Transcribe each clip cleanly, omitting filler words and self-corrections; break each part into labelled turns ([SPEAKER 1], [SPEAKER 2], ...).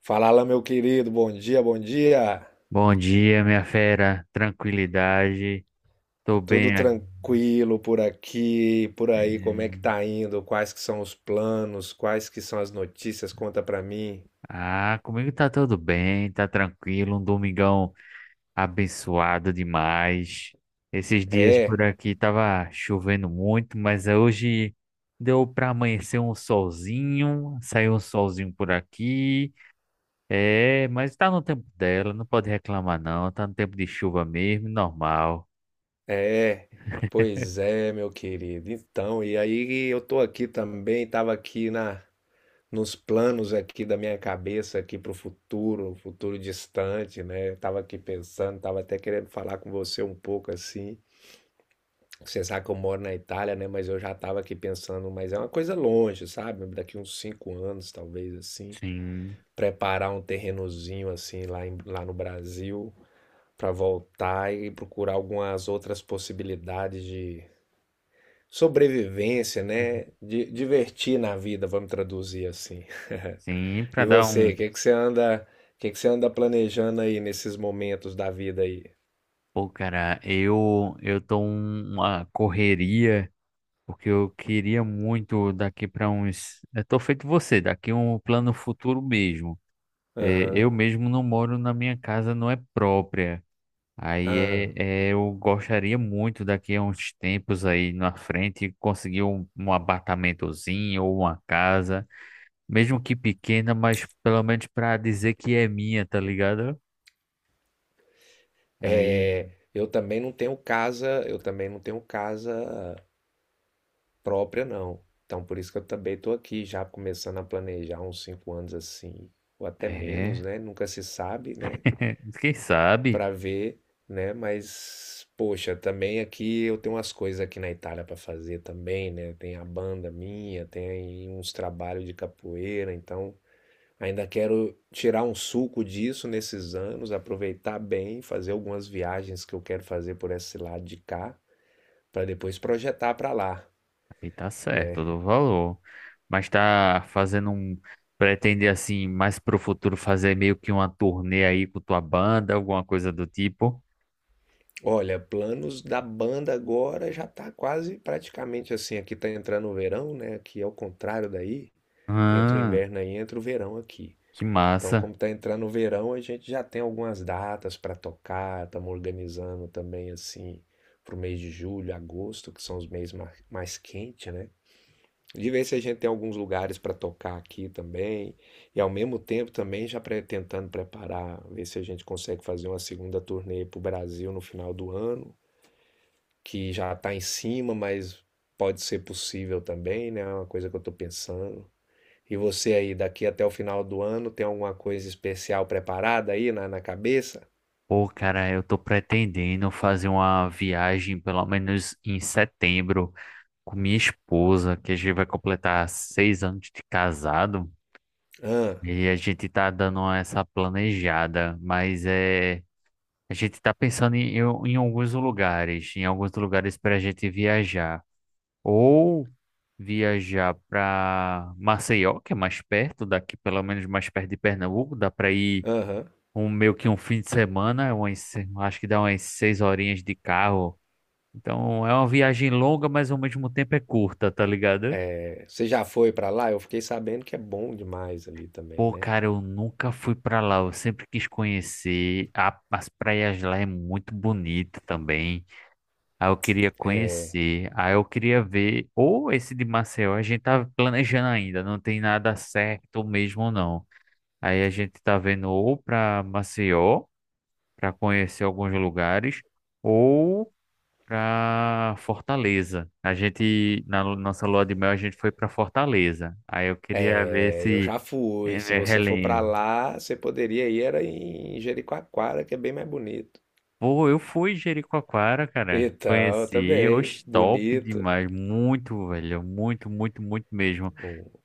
[SPEAKER 1] Fala lá, meu querido, bom dia, bom dia.
[SPEAKER 2] Bom dia, minha fera. Tranquilidade. Tô
[SPEAKER 1] Tudo
[SPEAKER 2] bem aqui.
[SPEAKER 1] tranquilo por aqui, por aí, como é que tá indo? Quais que são os planos? Quais que são as notícias? Conta pra mim.
[SPEAKER 2] Ah, comigo tá tudo bem, tá tranquilo. Um domingão abençoado demais. Esses dias por
[SPEAKER 1] É,
[SPEAKER 2] aqui tava chovendo muito, mas hoje deu pra amanhecer um solzinho. Saiu um solzinho por aqui. É, mas tá no tempo dela, não pode reclamar não. Tá no tempo de chuva mesmo, normal.
[SPEAKER 1] é. Pois é, meu querido. Então, e aí eu tô aqui também, tava aqui na nos planos aqui da minha cabeça aqui pro futuro, futuro distante, né? Eu tava aqui pensando, tava até querendo falar com você um pouco assim. Você sabe que eu moro na Itália, né? Mas eu já tava aqui pensando, mas é uma coisa longe, sabe? Daqui uns 5 anos, talvez assim,
[SPEAKER 2] Sim,
[SPEAKER 1] preparar um terrenozinho assim lá, lá no Brasil pra voltar e procurar algumas outras possibilidades de sobrevivência, né? De divertir na vida, vamos traduzir assim.
[SPEAKER 2] sim, pra
[SPEAKER 1] E
[SPEAKER 2] dar um.
[SPEAKER 1] você, o que que você anda planejando aí nesses momentos da vida aí?
[SPEAKER 2] Pô, cara, eu tô uma correria, porque eu queria muito daqui para uns. Eu tô feito você, daqui um plano futuro mesmo. É, eu
[SPEAKER 1] Aham.
[SPEAKER 2] mesmo não moro na minha casa, não é própria. Aí
[SPEAKER 1] Ah.
[SPEAKER 2] é, eu gostaria muito daqui a uns tempos aí na frente conseguir um apartamentozinho ou uma casa, mesmo que pequena, mas pelo menos para dizer que é minha, tá ligado? Aí,
[SPEAKER 1] É, eu também não tenho casa, eu também não tenho casa própria, não. Então, por isso que eu também estou aqui já começando a planejar uns 5 anos assim, ou até menos,
[SPEAKER 2] é,
[SPEAKER 1] né? Nunca se sabe, né?
[SPEAKER 2] quem sabe?
[SPEAKER 1] Para ver, né? Mas, poxa, também aqui eu tenho umas coisas aqui na Itália para fazer também, né? Tem a banda minha, tem uns trabalhos de capoeira, então ainda quero tirar um suco disso nesses anos, aproveitar bem, fazer algumas viagens que eu quero fazer por esse lado de cá, para depois projetar para lá,
[SPEAKER 2] E tá certo, eu
[SPEAKER 1] né?
[SPEAKER 2] dou valor. Mas tá fazendo um. Pretende, assim, mais pro futuro fazer meio que uma turnê aí com tua banda, alguma coisa do tipo?
[SPEAKER 1] Olha, planos da banda agora já tá quase praticamente assim, aqui tá entrando o verão, né? Aqui é o contrário daí, entra o
[SPEAKER 2] Ah,
[SPEAKER 1] inverno aí, entra o verão aqui.
[SPEAKER 2] que
[SPEAKER 1] Então,
[SPEAKER 2] massa.
[SPEAKER 1] como tá entrando o verão, a gente já tem algumas datas para tocar, estamos organizando também assim pro mês de julho, agosto, que são os meses mais quentes, né? De ver se a gente tem alguns lugares para tocar aqui também. E ao mesmo tempo também já tentando preparar, ver se a gente consegue fazer uma segunda turnê para o Brasil no final do ano, que já está em cima, mas pode ser possível também, né? É uma coisa que eu estou pensando. E você aí, daqui até o final do ano, tem alguma coisa especial preparada aí na cabeça?
[SPEAKER 2] Pô, cara, eu tô pretendendo fazer uma viagem, pelo menos em setembro, com minha esposa, que a gente vai completar 6 anos de casado.
[SPEAKER 1] Ah,
[SPEAKER 2] E a gente tá dando essa planejada, mas é. A gente está pensando em alguns lugares, em alguns lugares para a gente viajar. Ou viajar para Maceió, que é mais perto daqui, pelo menos mais perto de Pernambuco. Dá para ir
[SPEAKER 1] aham.
[SPEAKER 2] um, meio que um fim de semana, umas, acho que dá umas 6 horinhas de carro. Então é uma viagem longa, mas ao mesmo tempo é curta, tá ligado?
[SPEAKER 1] É, você já foi para lá? Eu fiquei sabendo que é bom demais ali também,
[SPEAKER 2] Pô,
[SPEAKER 1] né?
[SPEAKER 2] cara, eu nunca fui pra lá, eu sempre quis conhecer. As praias lá é muito bonita também. Aí eu queria conhecer, aí eu queria ver, ou esse de Maceió, a gente tá planejando ainda, não tem nada certo mesmo não. Aí a gente tá vendo ou para Maceió, para conhecer alguns lugares, ou para Fortaleza. A gente na nossa lua de mel a gente foi para Fortaleza. Aí eu queria ver
[SPEAKER 1] É, eu
[SPEAKER 2] se
[SPEAKER 1] já fui. Se você for para
[SPEAKER 2] relembro.
[SPEAKER 1] lá, você poderia ir era em Jericoacoara, que é bem mais bonito.
[SPEAKER 2] Pô, eu fui em Jericoacoara, cara.
[SPEAKER 1] Então,
[SPEAKER 2] Conheci,
[SPEAKER 1] também,
[SPEAKER 2] oxe, top
[SPEAKER 1] bonito.
[SPEAKER 2] demais, muito, velho, muito, muito, muito mesmo.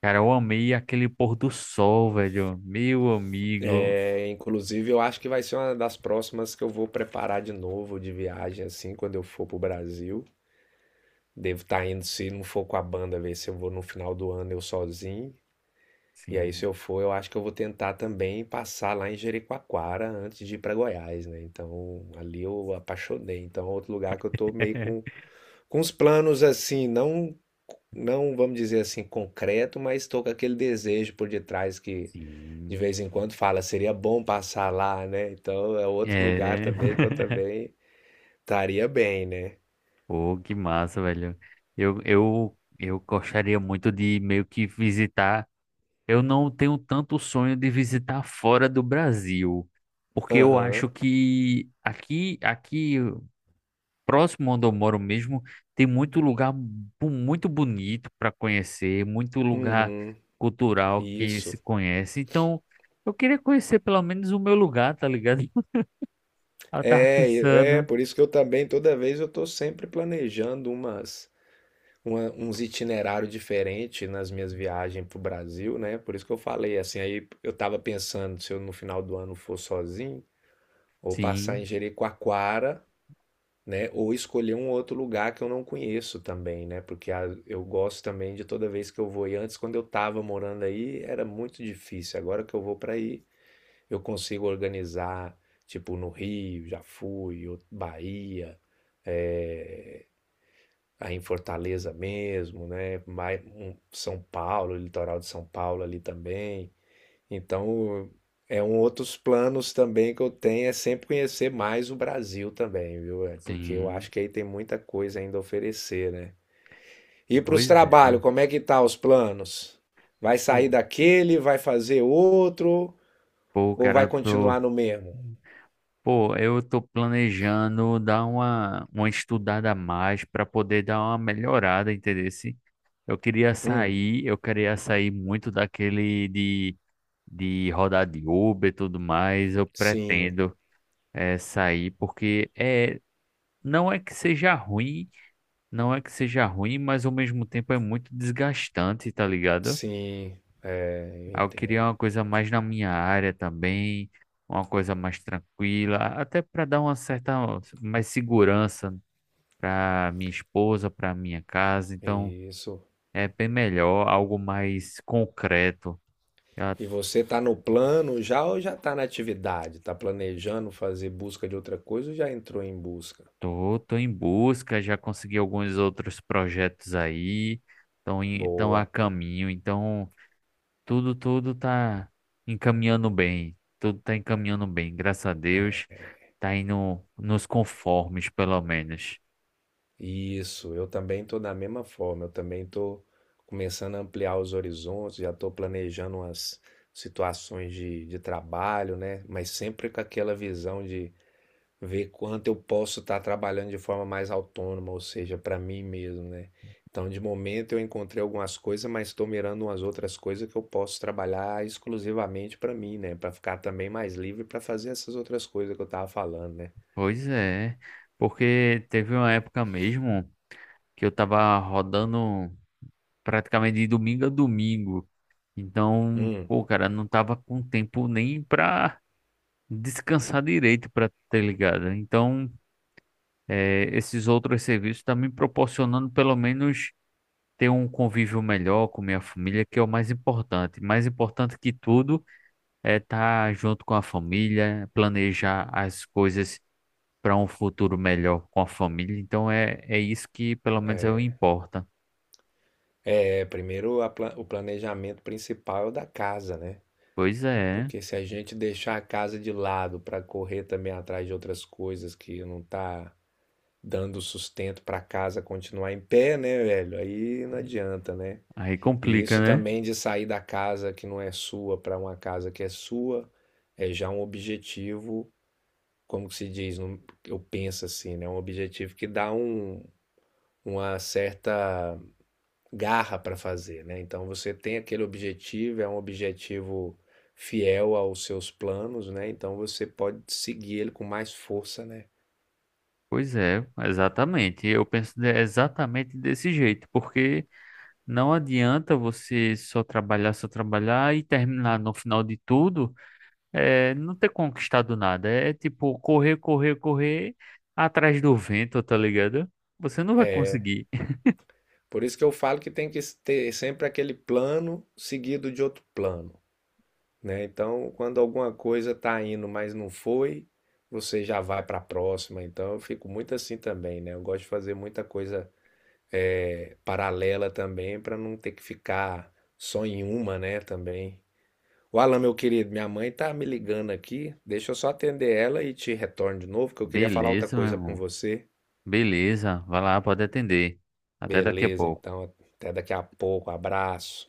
[SPEAKER 2] Cara, eu amei aquele pôr do sol, velho. Meu amigo.
[SPEAKER 1] É, inclusive, eu acho que vai ser uma das próximas que eu vou preparar de novo de viagem, assim, quando eu for pro Brasil. Devo estar indo, se não for com a banda, ver se eu vou no final do ano eu sozinho. E aí, se
[SPEAKER 2] Sim.
[SPEAKER 1] eu for, eu acho que eu vou tentar também passar lá em Jericoacoara antes de ir para Goiás, né? Então, ali eu apaixonei. Então, é outro lugar que eu tô meio com com os planos assim, não, não vamos dizer assim concreto, mas estou com aquele desejo por detrás que de
[SPEAKER 2] Sim.
[SPEAKER 1] vez em quando fala, seria bom passar lá, né? Então é outro lugar
[SPEAKER 2] É.
[SPEAKER 1] também que eu também estaria bem, né?
[SPEAKER 2] Pô, que massa, velho. Eu gostaria muito de meio que visitar. Eu não tenho tanto sonho de visitar fora do Brasil, porque eu
[SPEAKER 1] Aham,
[SPEAKER 2] acho que aqui próximo onde eu moro mesmo, tem muito lugar muito bonito para conhecer, muito lugar
[SPEAKER 1] uhum,
[SPEAKER 2] cultural que se
[SPEAKER 1] isso.
[SPEAKER 2] conhece. Então, eu queria conhecer pelo menos o meu lugar, tá ligado? Eu tava
[SPEAKER 1] É, é
[SPEAKER 2] pensando.
[SPEAKER 1] por isso que eu também toda vez eu estou sempre planejando uns itinerários diferentes nas minhas viagens para o Brasil, né? Por isso que eu falei assim, aí eu estava pensando se eu no final do ano for sozinho, ou passar em
[SPEAKER 2] Sim,
[SPEAKER 1] Jericoacoara, né? Ou escolher um outro lugar que eu não conheço também, né? Porque eu gosto também de toda vez que eu vou. E antes, quando eu estava morando aí, era muito difícil. Agora que eu vou para aí, eu consigo organizar, tipo, no Rio, já fui, ou Bahia, eh, aí em Fortaleza mesmo, né? São Paulo, litoral de São Paulo ali também. Então, é um outros planos também que eu tenho é sempre conhecer mais o Brasil também, viu? É, porque eu
[SPEAKER 2] sim.
[SPEAKER 1] acho que aí tem muita coisa ainda a oferecer, né? E para os
[SPEAKER 2] Pois é.
[SPEAKER 1] trabalhos, como é que tá os planos? Vai sair
[SPEAKER 2] Pô,
[SPEAKER 1] daquele, vai fazer outro
[SPEAKER 2] pô,
[SPEAKER 1] ou
[SPEAKER 2] cara,
[SPEAKER 1] vai
[SPEAKER 2] eu tô.
[SPEAKER 1] continuar no mesmo?
[SPEAKER 2] Pô, eu tô planejando dar uma estudada a mais para poder dar uma melhorada, entendeu?
[SPEAKER 1] Hum,
[SPEAKER 2] Eu queria sair muito daquele de rodar de Uber e tudo mais, eu
[SPEAKER 1] sim,
[SPEAKER 2] pretendo sair, porque é, não é que seja ruim, não é que seja ruim, mas ao mesmo tempo é muito desgastante, tá ligado?
[SPEAKER 1] sim, é, eu
[SPEAKER 2] Aí, eu queria
[SPEAKER 1] entendo.
[SPEAKER 2] uma coisa mais na minha área também, uma coisa mais tranquila, até para dar uma certa mais segurança para minha esposa, para minha casa, então
[SPEAKER 1] Isso.
[SPEAKER 2] é bem melhor, algo mais concreto.
[SPEAKER 1] E você tá no plano já ou já tá na atividade? Tá planejando fazer busca de outra coisa ou já entrou em busca?
[SPEAKER 2] Tô, tô em busca, já consegui alguns outros projetos aí, estão a
[SPEAKER 1] Boa.
[SPEAKER 2] caminho, então tudo, tudo tá encaminhando bem, tudo tá encaminhando bem, graças a Deus, tá indo nos conformes, pelo menos.
[SPEAKER 1] Isso, eu também estou da mesma forma, eu também estou começando a ampliar os horizontes, já estou planejando umas situações de trabalho, né? Mas sempre com aquela visão de ver quanto eu posso estar trabalhando de forma mais autônoma, ou seja, para mim mesmo, né? Então, de momento eu encontrei algumas coisas, mas estou mirando umas outras coisas que eu posso trabalhar exclusivamente para mim, né? Para ficar também mais livre para fazer essas outras coisas que eu estava falando, né?
[SPEAKER 2] Pois é, porque teve uma época mesmo que eu tava rodando praticamente de domingo a domingo, então,
[SPEAKER 1] Hum.
[SPEAKER 2] pô, cara, não tava com tempo nem pra descansar direito, pra ter ligado, então. Esses outros serviços estão me proporcionando pelo menos ter um convívio melhor com minha família, que é o mais importante. Mais importante que tudo é estar junto com a família, planejar as coisas para um futuro melhor com a família. Então é, é isso que pelo menos eu importa.
[SPEAKER 1] É primeiro o planejamento principal é o da casa, né?
[SPEAKER 2] Pois é,
[SPEAKER 1] Porque se a gente deixar a casa de lado para correr também atrás de outras coisas que não tá dando sustento para a casa continuar em pé, né, velho? Aí não adianta, né?
[SPEAKER 2] aí
[SPEAKER 1] E
[SPEAKER 2] complica,
[SPEAKER 1] isso
[SPEAKER 2] né?
[SPEAKER 1] também de sair da casa que não é sua para uma casa que é sua é já um objetivo, como que se diz, eu penso assim, né? Um objetivo que dá uma certa garra para fazer, né? Então você tem aquele objetivo, é um objetivo fiel aos seus planos, né? Então você pode seguir ele com mais força, né?
[SPEAKER 2] Pois é, exatamente. Eu penso exatamente desse jeito, porque não adianta você só trabalhar e terminar no final de tudo, é, não ter conquistado nada. É tipo correr, correr, correr atrás do vento, tá ligado? Você não vai
[SPEAKER 1] É,
[SPEAKER 2] conseguir.
[SPEAKER 1] por isso que eu falo que tem que ter sempre aquele plano seguido de outro plano, né? Então, quando alguma coisa tá indo, mas não foi, você já vai para a próxima. Então, eu fico muito assim também, né? Eu gosto de fazer muita coisa paralela também para não ter que ficar só em uma, né, também. O Alan, meu querido, minha mãe tá me ligando aqui. Deixa eu só atender ela e te retorno de novo, que eu queria falar outra
[SPEAKER 2] Beleza, meu
[SPEAKER 1] coisa com
[SPEAKER 2] irmão.
[SPEAKER 1] você.
[SPEAKER 2] Beleza. Vai lá, pode atender. Até daqui a
[SPEAKER 1] Beleza,
[SPEAKER 2] pouco.
[SPEAKER 1] então, até daqui a pouco. Abraço.